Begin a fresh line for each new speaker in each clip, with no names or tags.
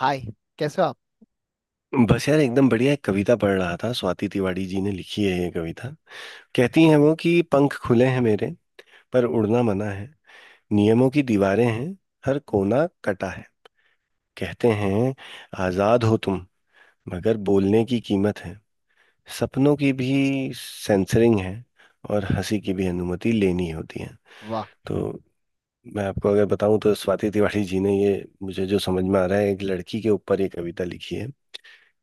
हाय। कैसे हो आप।
बस यार एकदम बढ़िया एक कविता पढ़ रहा था। स्वाति तिवारी जी ने लिखी है ये कविता। कहती हैं वो कि पंख खुले हैं मेरे, पर उड़ना मना है। नियमों की दीवारें हैं, हर कोना कटा है। कहते हैं आजाद हो तुम, मगर बोलने की कीमत है, सपनों की भी सेंसरिंग है, और हंसी की भी अनुमति लेनी होती है।
वाह,
तो मैं आपको अगर बताऊं तो स्वाति तिवारी जी ने ये, मुझे जो समझ में आ रहा है, एक लड़की के ऊपर ये कविता लिखी है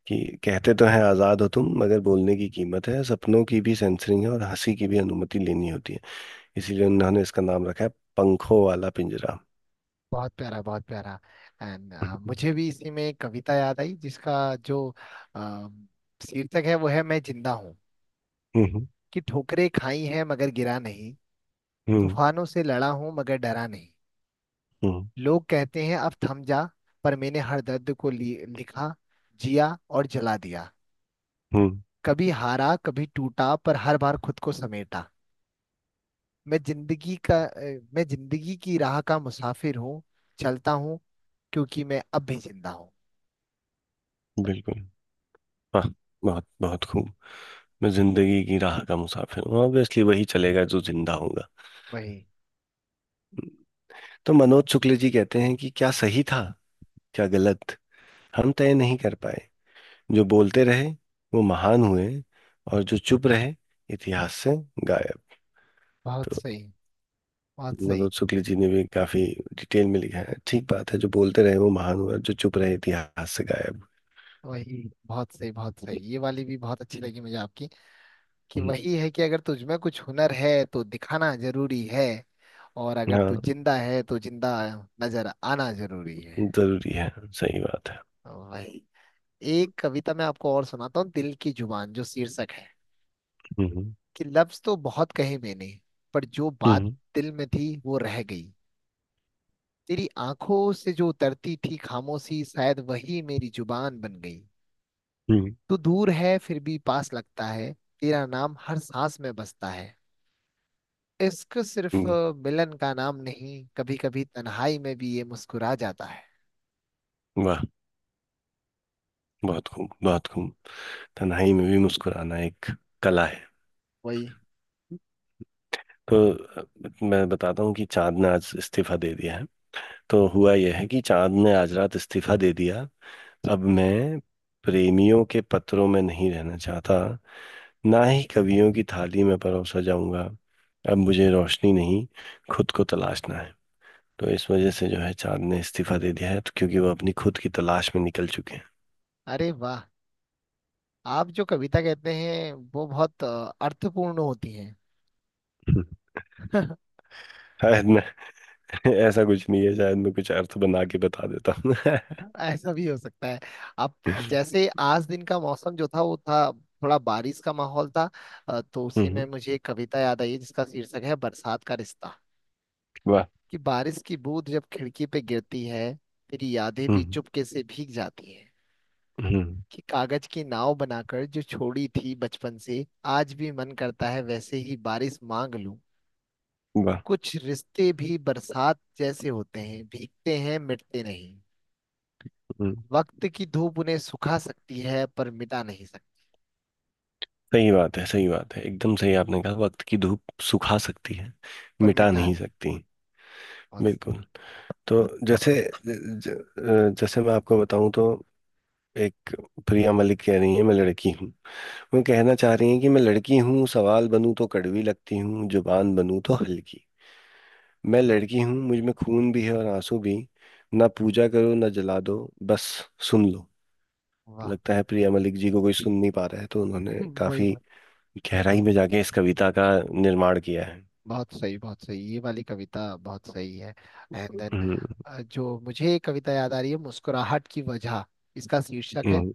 कि कहते तो हैं आजाद हो तुम मगर बोलने की कीमत है, सपनों की भी सेंसरिंग है, और हंसी की भी अनुमति लेनी होती है। इसीलिए उन्होंने इसका नाम रखा है पंखों वाला पिंजरा।
बहुत प्यारा बहुत प्यारा। एंड
हम्म।
मुझे भी इसी में एक कविता याद आई जिसका जो अम, शीर्षक है वो है मैं जिंदा हूँ।
हम्म।
कि ठोकरें खाई हैं मगर गिरा नहीं।
हम्म।
तूफानों से लड़ा हूँ मगर डरा नहीं।
हम्म।
लोग कहते हैं अब थम जा, पर मैंने हर दर्द को लिखा, जिया और जला दिया।
हम्म।
कभी हारा कभी टूटा पर हर बार खुद को समेटा। मैं जिंदगी का मैं जिंदगी की राह का मुसाफिर हूँ। चलता हूँ क्योंकि मैं अब भी जिंदा हूँ।
बिल्कुल। वाह। बहुत बहुत खूब। मैं जिंदगी की राह का मुसाफिर हूँ, ऑब्वियसली वही चलेगा जो जिंदा होगा।
वही,
तो मनोज शुक्ल जी कहते हैं कि क्या सही था, क्या गलत, हम तय नहीं कर पाए। जो बोलते रहे वो महान हुए, और जो चुप रहे इतिहास से गायब।
बहुत
तो
सही बहुत सही।
मनोज शुक्ल जी ने भी काफी डिटेल में लिखा है। ठीक बात है, जो बोलते रहे वो महान हुआ, जो चुप रहे इतिहास से गायब।
वही, बहुत सही बहुत सही। ये वाली भी बहुत अच्छी लगी मुझे आपकी। कि
हम्म।
वही है कि अगर तुझमें कुछ हुनर है तो दिखाना जरूरी है, और अगर तू
हाँ,
जिंदा है तो जिंदा नजर आना जरूरी है।
जरूरी है। सही बात है।
वही। एक कविता मैं आपको और सुनाता हूँ, दिल की जुबान जो शीर्षक है।
हम्म।
कि लफ्ज तो बहुत कहे मैंने, पर जो बात
हम्म।
दिल में थी वो रह गई। तेरी आंखों से जो उतरती थी खामोशी, शायद वही मेरी जुबान बन गई।
हम्म।
तू दूर है फिर भी पास लगता है। तेरा नाम हर सांस में बसता है। इश्क सिर्फ
हम्म।
मिलन का नाम नहीं, कभी कभी तन्हाई में भी ये मुस्कुरा जाता है।
वाह। बहुत खूब बहुत खूब। तन्हाई में भी मुस्कुराना एक कला है।
वही।
तो मैं बताता हूँ कि चांद ने आज इस्तीफा दे दिया है। तो हुआ यह है कि चांद ने आज रात इस्तीफा दे दिया। अब मैं प्रेमियों के पत्रों में नहीं रहना चाहता, ना ही कवियों की थाली में परोसा जाऊंगा। अब मुझे रोशनी नहीं, खुद को तलाशना है। तो इस वजह से जो है, चांद ने इस्तीफा दे दिया है, तो क्योंकि वो अपनी खुद की तलाश में निकल चुके हैं।
अरे वाह, आप जो कविता कहते हैं वो बहुत अर्थपूर्ण होती हैं।
हम्म। शायद मैं ऐसा कुछ नहीं है, शायद मैं कुछ अर्थ बना के बता देता हूँ
ऐसा भी हो सकता है। आप जैसे आज दिन का मौसम जो था वो था, थोड़ा बारिश का माहौल था। तो उसी में
हम्म।
मुझे एक कविता याद आई जिसका शीर्षक है बरसात का रिश्ता।
वाह।
कि बारिश की बूंद जब खिड़की पे गिरती है, तेरी यादें भी
हम्म।
चुपके से भीग जाती हैं।
हम्म।
कि कागज की नाव बनाकर जो छोड़ी थी बचपन से, आज भी मन करता है वैसे ही बारिश मांग लूं।
वाह।
कुछ रिश्ते भी बरसात जैसे होते हैं, भीगते हैं मिटते नहीं।
हम्म।
वक्त की धूप उन्हें सुखा सकती है पर मिटा नहीं सकती।
सही बात है, सही बात है, एकदम सही आपने कहा, वक्त की धूप सुखा सकती है,
पर
मिटा
मिटा
नहीं
नहीं।
सकती।
बस।
बिल्कुल। तो जैसे ज, ज- जैसे मैं आपको बताऊं तो एक, प्रिया मलिक कह रही हैं मैं लड़की हूँ। वो कहना चाह रही हैं कि मैं लड़की हूँ, सवाल बनूं तो कड़वी लगती हूँ, जुबान बनूं तो हल्की। मैं लड़की हूँ, मुझ में खून भी है और आंसू भी। ना पूजा करो, ना जला दो, बस सुन लो।
वाह।
लगता है प्रिया मलिक जी को कोई सुन नहीं पा रहा है, तो उन्होंने
वही
काफी
बात। वाह।
गहराई में जाके इस कविता का निर्माण किया है।
बहुत सही बहुत सही, ये वाली कविता बहुत सही है। And
hmm.
देन जो मुझे एक कविता याद आ रही है, मुस्कुराहट की वजह इसका शीर्षक है।
हम्म।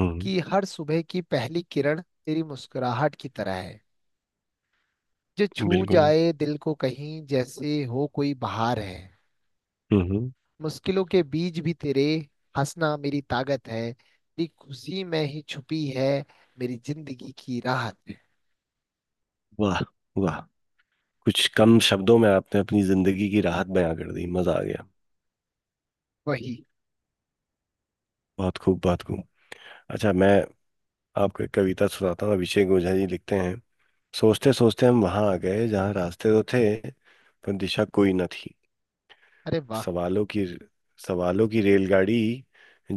हम्म।
कि हर सुबह की पहली किरण तेरी मुस्कुराहट की तरह है, जो छू
बिल्कुल।
जाए दिल को कहीं जैसे हो कोई बहार है।
हम्म।
मुश्किलों के बीच भी तेरे हंसना मेरी ताकत है, तेरी खुशी में ही छुपी है मेरी जिंदगी की राहत।
वाह। वाह। कुछ कम शब्दों में आपने अपनी जिंदगी की राहत बयां कर दी, मजा आ गया।
वही।
बहुत खूब बहुत खूब। अच्छा, मैं आपको एक कविता सुनाता हूँ। अभिषेक ओझा जी लिखते हैं, सोचते सोचते हम वहां आ गए जहाँ रास्ते तो थे, पर दिशा कोई न थी।
अरे वाह,
सवालों की सवालों की रेलगाड़ी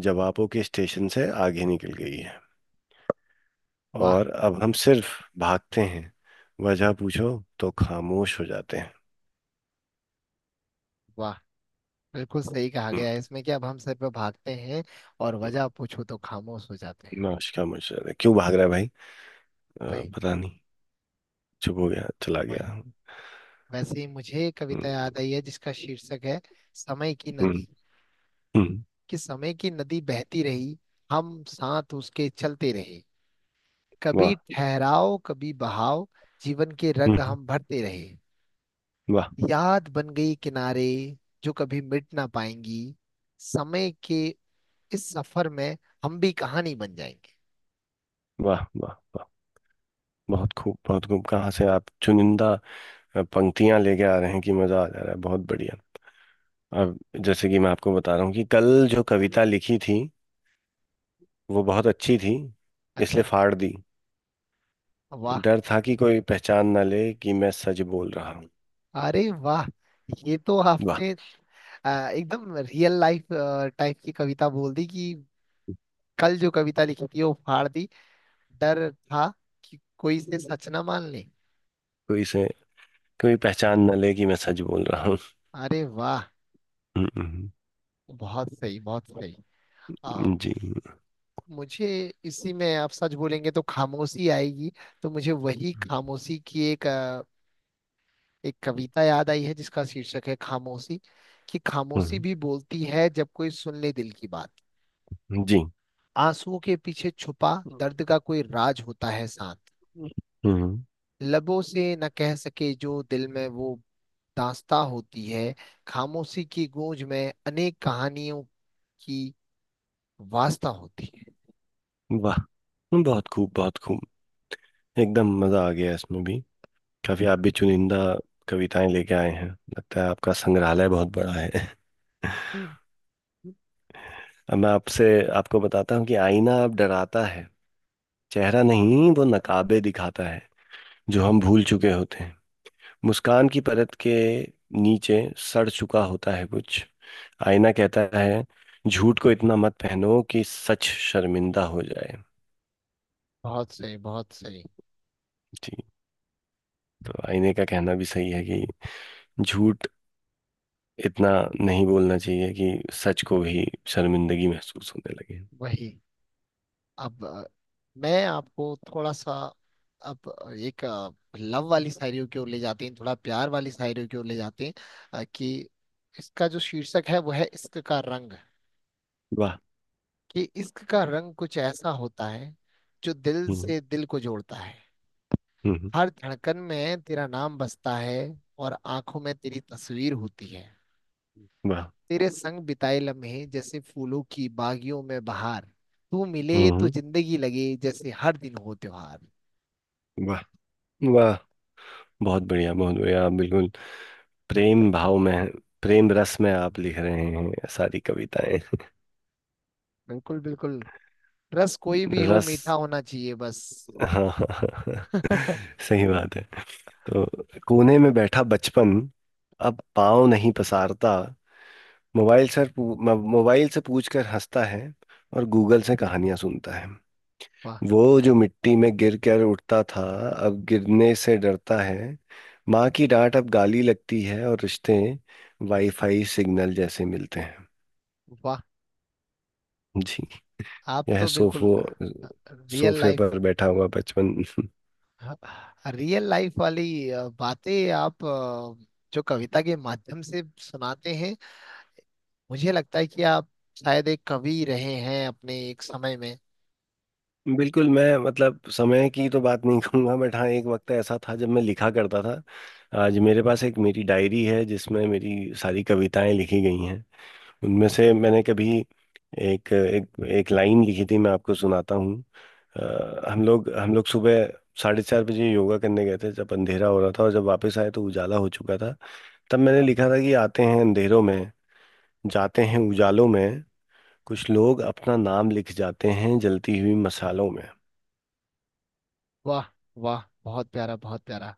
जवाबों के स्टेशन से आगे निकल गई है,
वाह
और अब हम सिर्फ भागते हैं। वजह पूछो तो खामोश हो जाते हैं।
वाह। बिल्कुल सही कहा
हम्म।
गया है इसमें कि अब हम सर पे भागते हैं, और वजह पूछो तो खामोश हो जाते हैं।
नाश, खामोश हो जाते हैं, क्यों भाग रहा है भाई?
वही।
पता नहीं, चुप हो गया, चला
वही,
गया।
वैसे ही मुझे एक कविता
हम्म।
याद आई है जिसका शीर्षक है समय की
हम्म।
नदी।
हम्म।
कि समय की नदी बहती रही, हम साथ उसके चलते रहे। कभी
वाह।
ठहराव कभी बहाव, जीवन के रंग
हम्म।
हम भरते रहे।
वाह।
याद बन गई किनारे, जो कभी मिट ना पाएंगी। समय के इस सफर में हम भी कहानी बन जाएंगे।
वाह। वाह। वाह। बहुत खूब बहुत खूब। कहाँ से आप चुनिंदा पंक्तियां लेके आ रहे हैं कि मजा आ जा रहा है? बहुत बढ़िया। अब जैसे कि मैं आपको बता रहा हूँ कि कल जो कविता लिखी थी वो बहुत अच्छी थी, इसलिए
अच्छा।
फाड़ दी।
वाह,
डर था कि कोई पहचान ना ले कि मैं सच बोल रहा हूँ।
अरे वाह, ये तो
वाह।
आपने एकदम रियल लाइफ टाइप की कविता बोल दी कि कल जो कविता लिखी थी वो फाड़ दी, डर था कि कोई से सच ना मान ले।
कोई से, कोई पहचान ना ले कि मैं सच बोल रहा हूँ।
अरे वाह,
हम्म। हम्म।
बहुत सही बहुत सही। आ,
हम्म। जी।
मुझे इसी में, आप सच बोलेंगे तो खामोशी आएगी। तो मुझे वही खामोशी की एक कविता याद आई है जिसका शीर्षक है खामोशी। कि खामोशी
हम्म।
भी बोलती है जब कोई सुन ले दिल की बात।
जी।
आंसुओं के पीछे छुपा दर्द का कोई राज होता है शांत।
हम्म।
लबों से न कह सके जो दिल में वो दास्ता होती है। खामोशी की गूंज में अनेक कहानियों की वास्ता होती है।
वाह। बहुत खूब बहुत खूब। एकदम मजा आ गया इसमें भी। काफी आप भी चुनिंदा कविताएं लेके आए हैं, लगता है आपका संग्रहालय बहुत बड़ा है। अब मैं आपसे, आपको बताता हूँ कि आईना अब डराता है। चेहरा नहीं, वो नकाबे दिखाता है जो हम भूल चुके होते हैं। मुस्कान की परत के नीचे सड़ चुका होता है कुछ। आईना कहता है झूठ को इतना मत पहनो कि सच शर्मिंदा हो जाए।
बहुत सही बहुत सही।
ठीक, तो आईने का कहना भी सही है कि झूठ इतना नहीं बोलना चाहिए कि सच को भी शर्मिंदगी महसूस होने लगे।
वही। अब मैं आपको थोड़ा सा, अब एक लव वाली शायरियों की ओर ले जाते हैं, थोड़ा प्यार वाली शायरियों की ओर ले जाते हैं। कि इसका जो शीर्षक है वो है इश्क का रंग।
वाह।
कि इश्क का रंग कुछ ऐसा होता है जो दिल
हम्म।
से दिल को जोड़ता है।
हम्म। हम्म।
हर धड़कन में तेरा नाम बसता है, और आंखों में तेरी तस्वीर होती है।
वाह।
तेरे संग बिताए लम्हे जैसे फूलों की बागियों में बहार। तू मिले
हम्म।
तो
हम्म।
जिंदगी लगे जैसे हर दिन हो त्योहार।
वाह। वाह। बहुत बढ़िया बहुत बढ़िया। आप बिल्कुल प्रेम भाव में, प्रेम रस में आप लिख रहे हैं सारी कविताएं।
बिल्कुल बिल्कुल। रस कोई भी हो
रस,
मीठा होना चाहिए बस।
हाँ हाँ हाँ। हाँ, सही बात है। तो कोने में बैठा बचपन अब पाँव नहीं पसारता, मोबाइल सर पू- मोबाइल से पूछ कर हंसता है, और गूगल से कहानियां सुनता है।
वाह
वो जो मिट्टी में गिर कर उठता था अब गिरने से डरता है। माँ की डांट अब गाली लगती है, और रिश्ते वाईफाई सिग्नल जैसे मिलते हैं।
वाह।
जी।
आप
यह
तो बिल्कुल
सोफो
रियल
सोफे
लाइफ,
पर बैठा हुआ बचपन।
रियल लाइफ वाली बातें आप जो कविता के माध्यम से सुनाते हैं। मुझे लगता है कि आप शायद एक कवि रहे हैं अपने एक समय में।
बिल्कुल, मैं मतलब समय की तो बात नहीं कहूंगा, बट हाँ एक वक्त ऐसा था जब मैं लिखा करता था। आज मेरे पास एक मेरी डायरी है जिसमें मेरी सारी कविताएं लिखी गई हैं। उनमें से मैंने कभी एक एक एक लाइन लिखी थी, मैं आपको सुनाता हूँ। हम लोग सुबह 4:30 बजे योगा करने गए थे जब अंधेरा हो रहा था, और जब वापस आए तो उजाला हो चुका था। तब मैंने लिखा था कि आते हैं अंधेरों में, जाते हैं उजालों में, कुछ लोग अपना नाम लिख जाते हैं जलती हुई मशालों में।
वाह वाह, बहुत प्यारा बहुत प्यारा।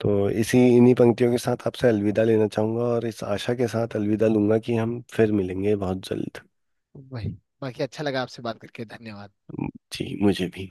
तो इसी इन्हीं पंक्तियों के साथ आपसे अलविदा लेना चाहूंगा, और इस आशा के साथ अलविदा लूंगा कि हम फिर मिलेंगे बहुत जल्द।
वही। बाकी अच्छा लगा आपसे बात करके, धन्यवाद।
जी, मुझे भी।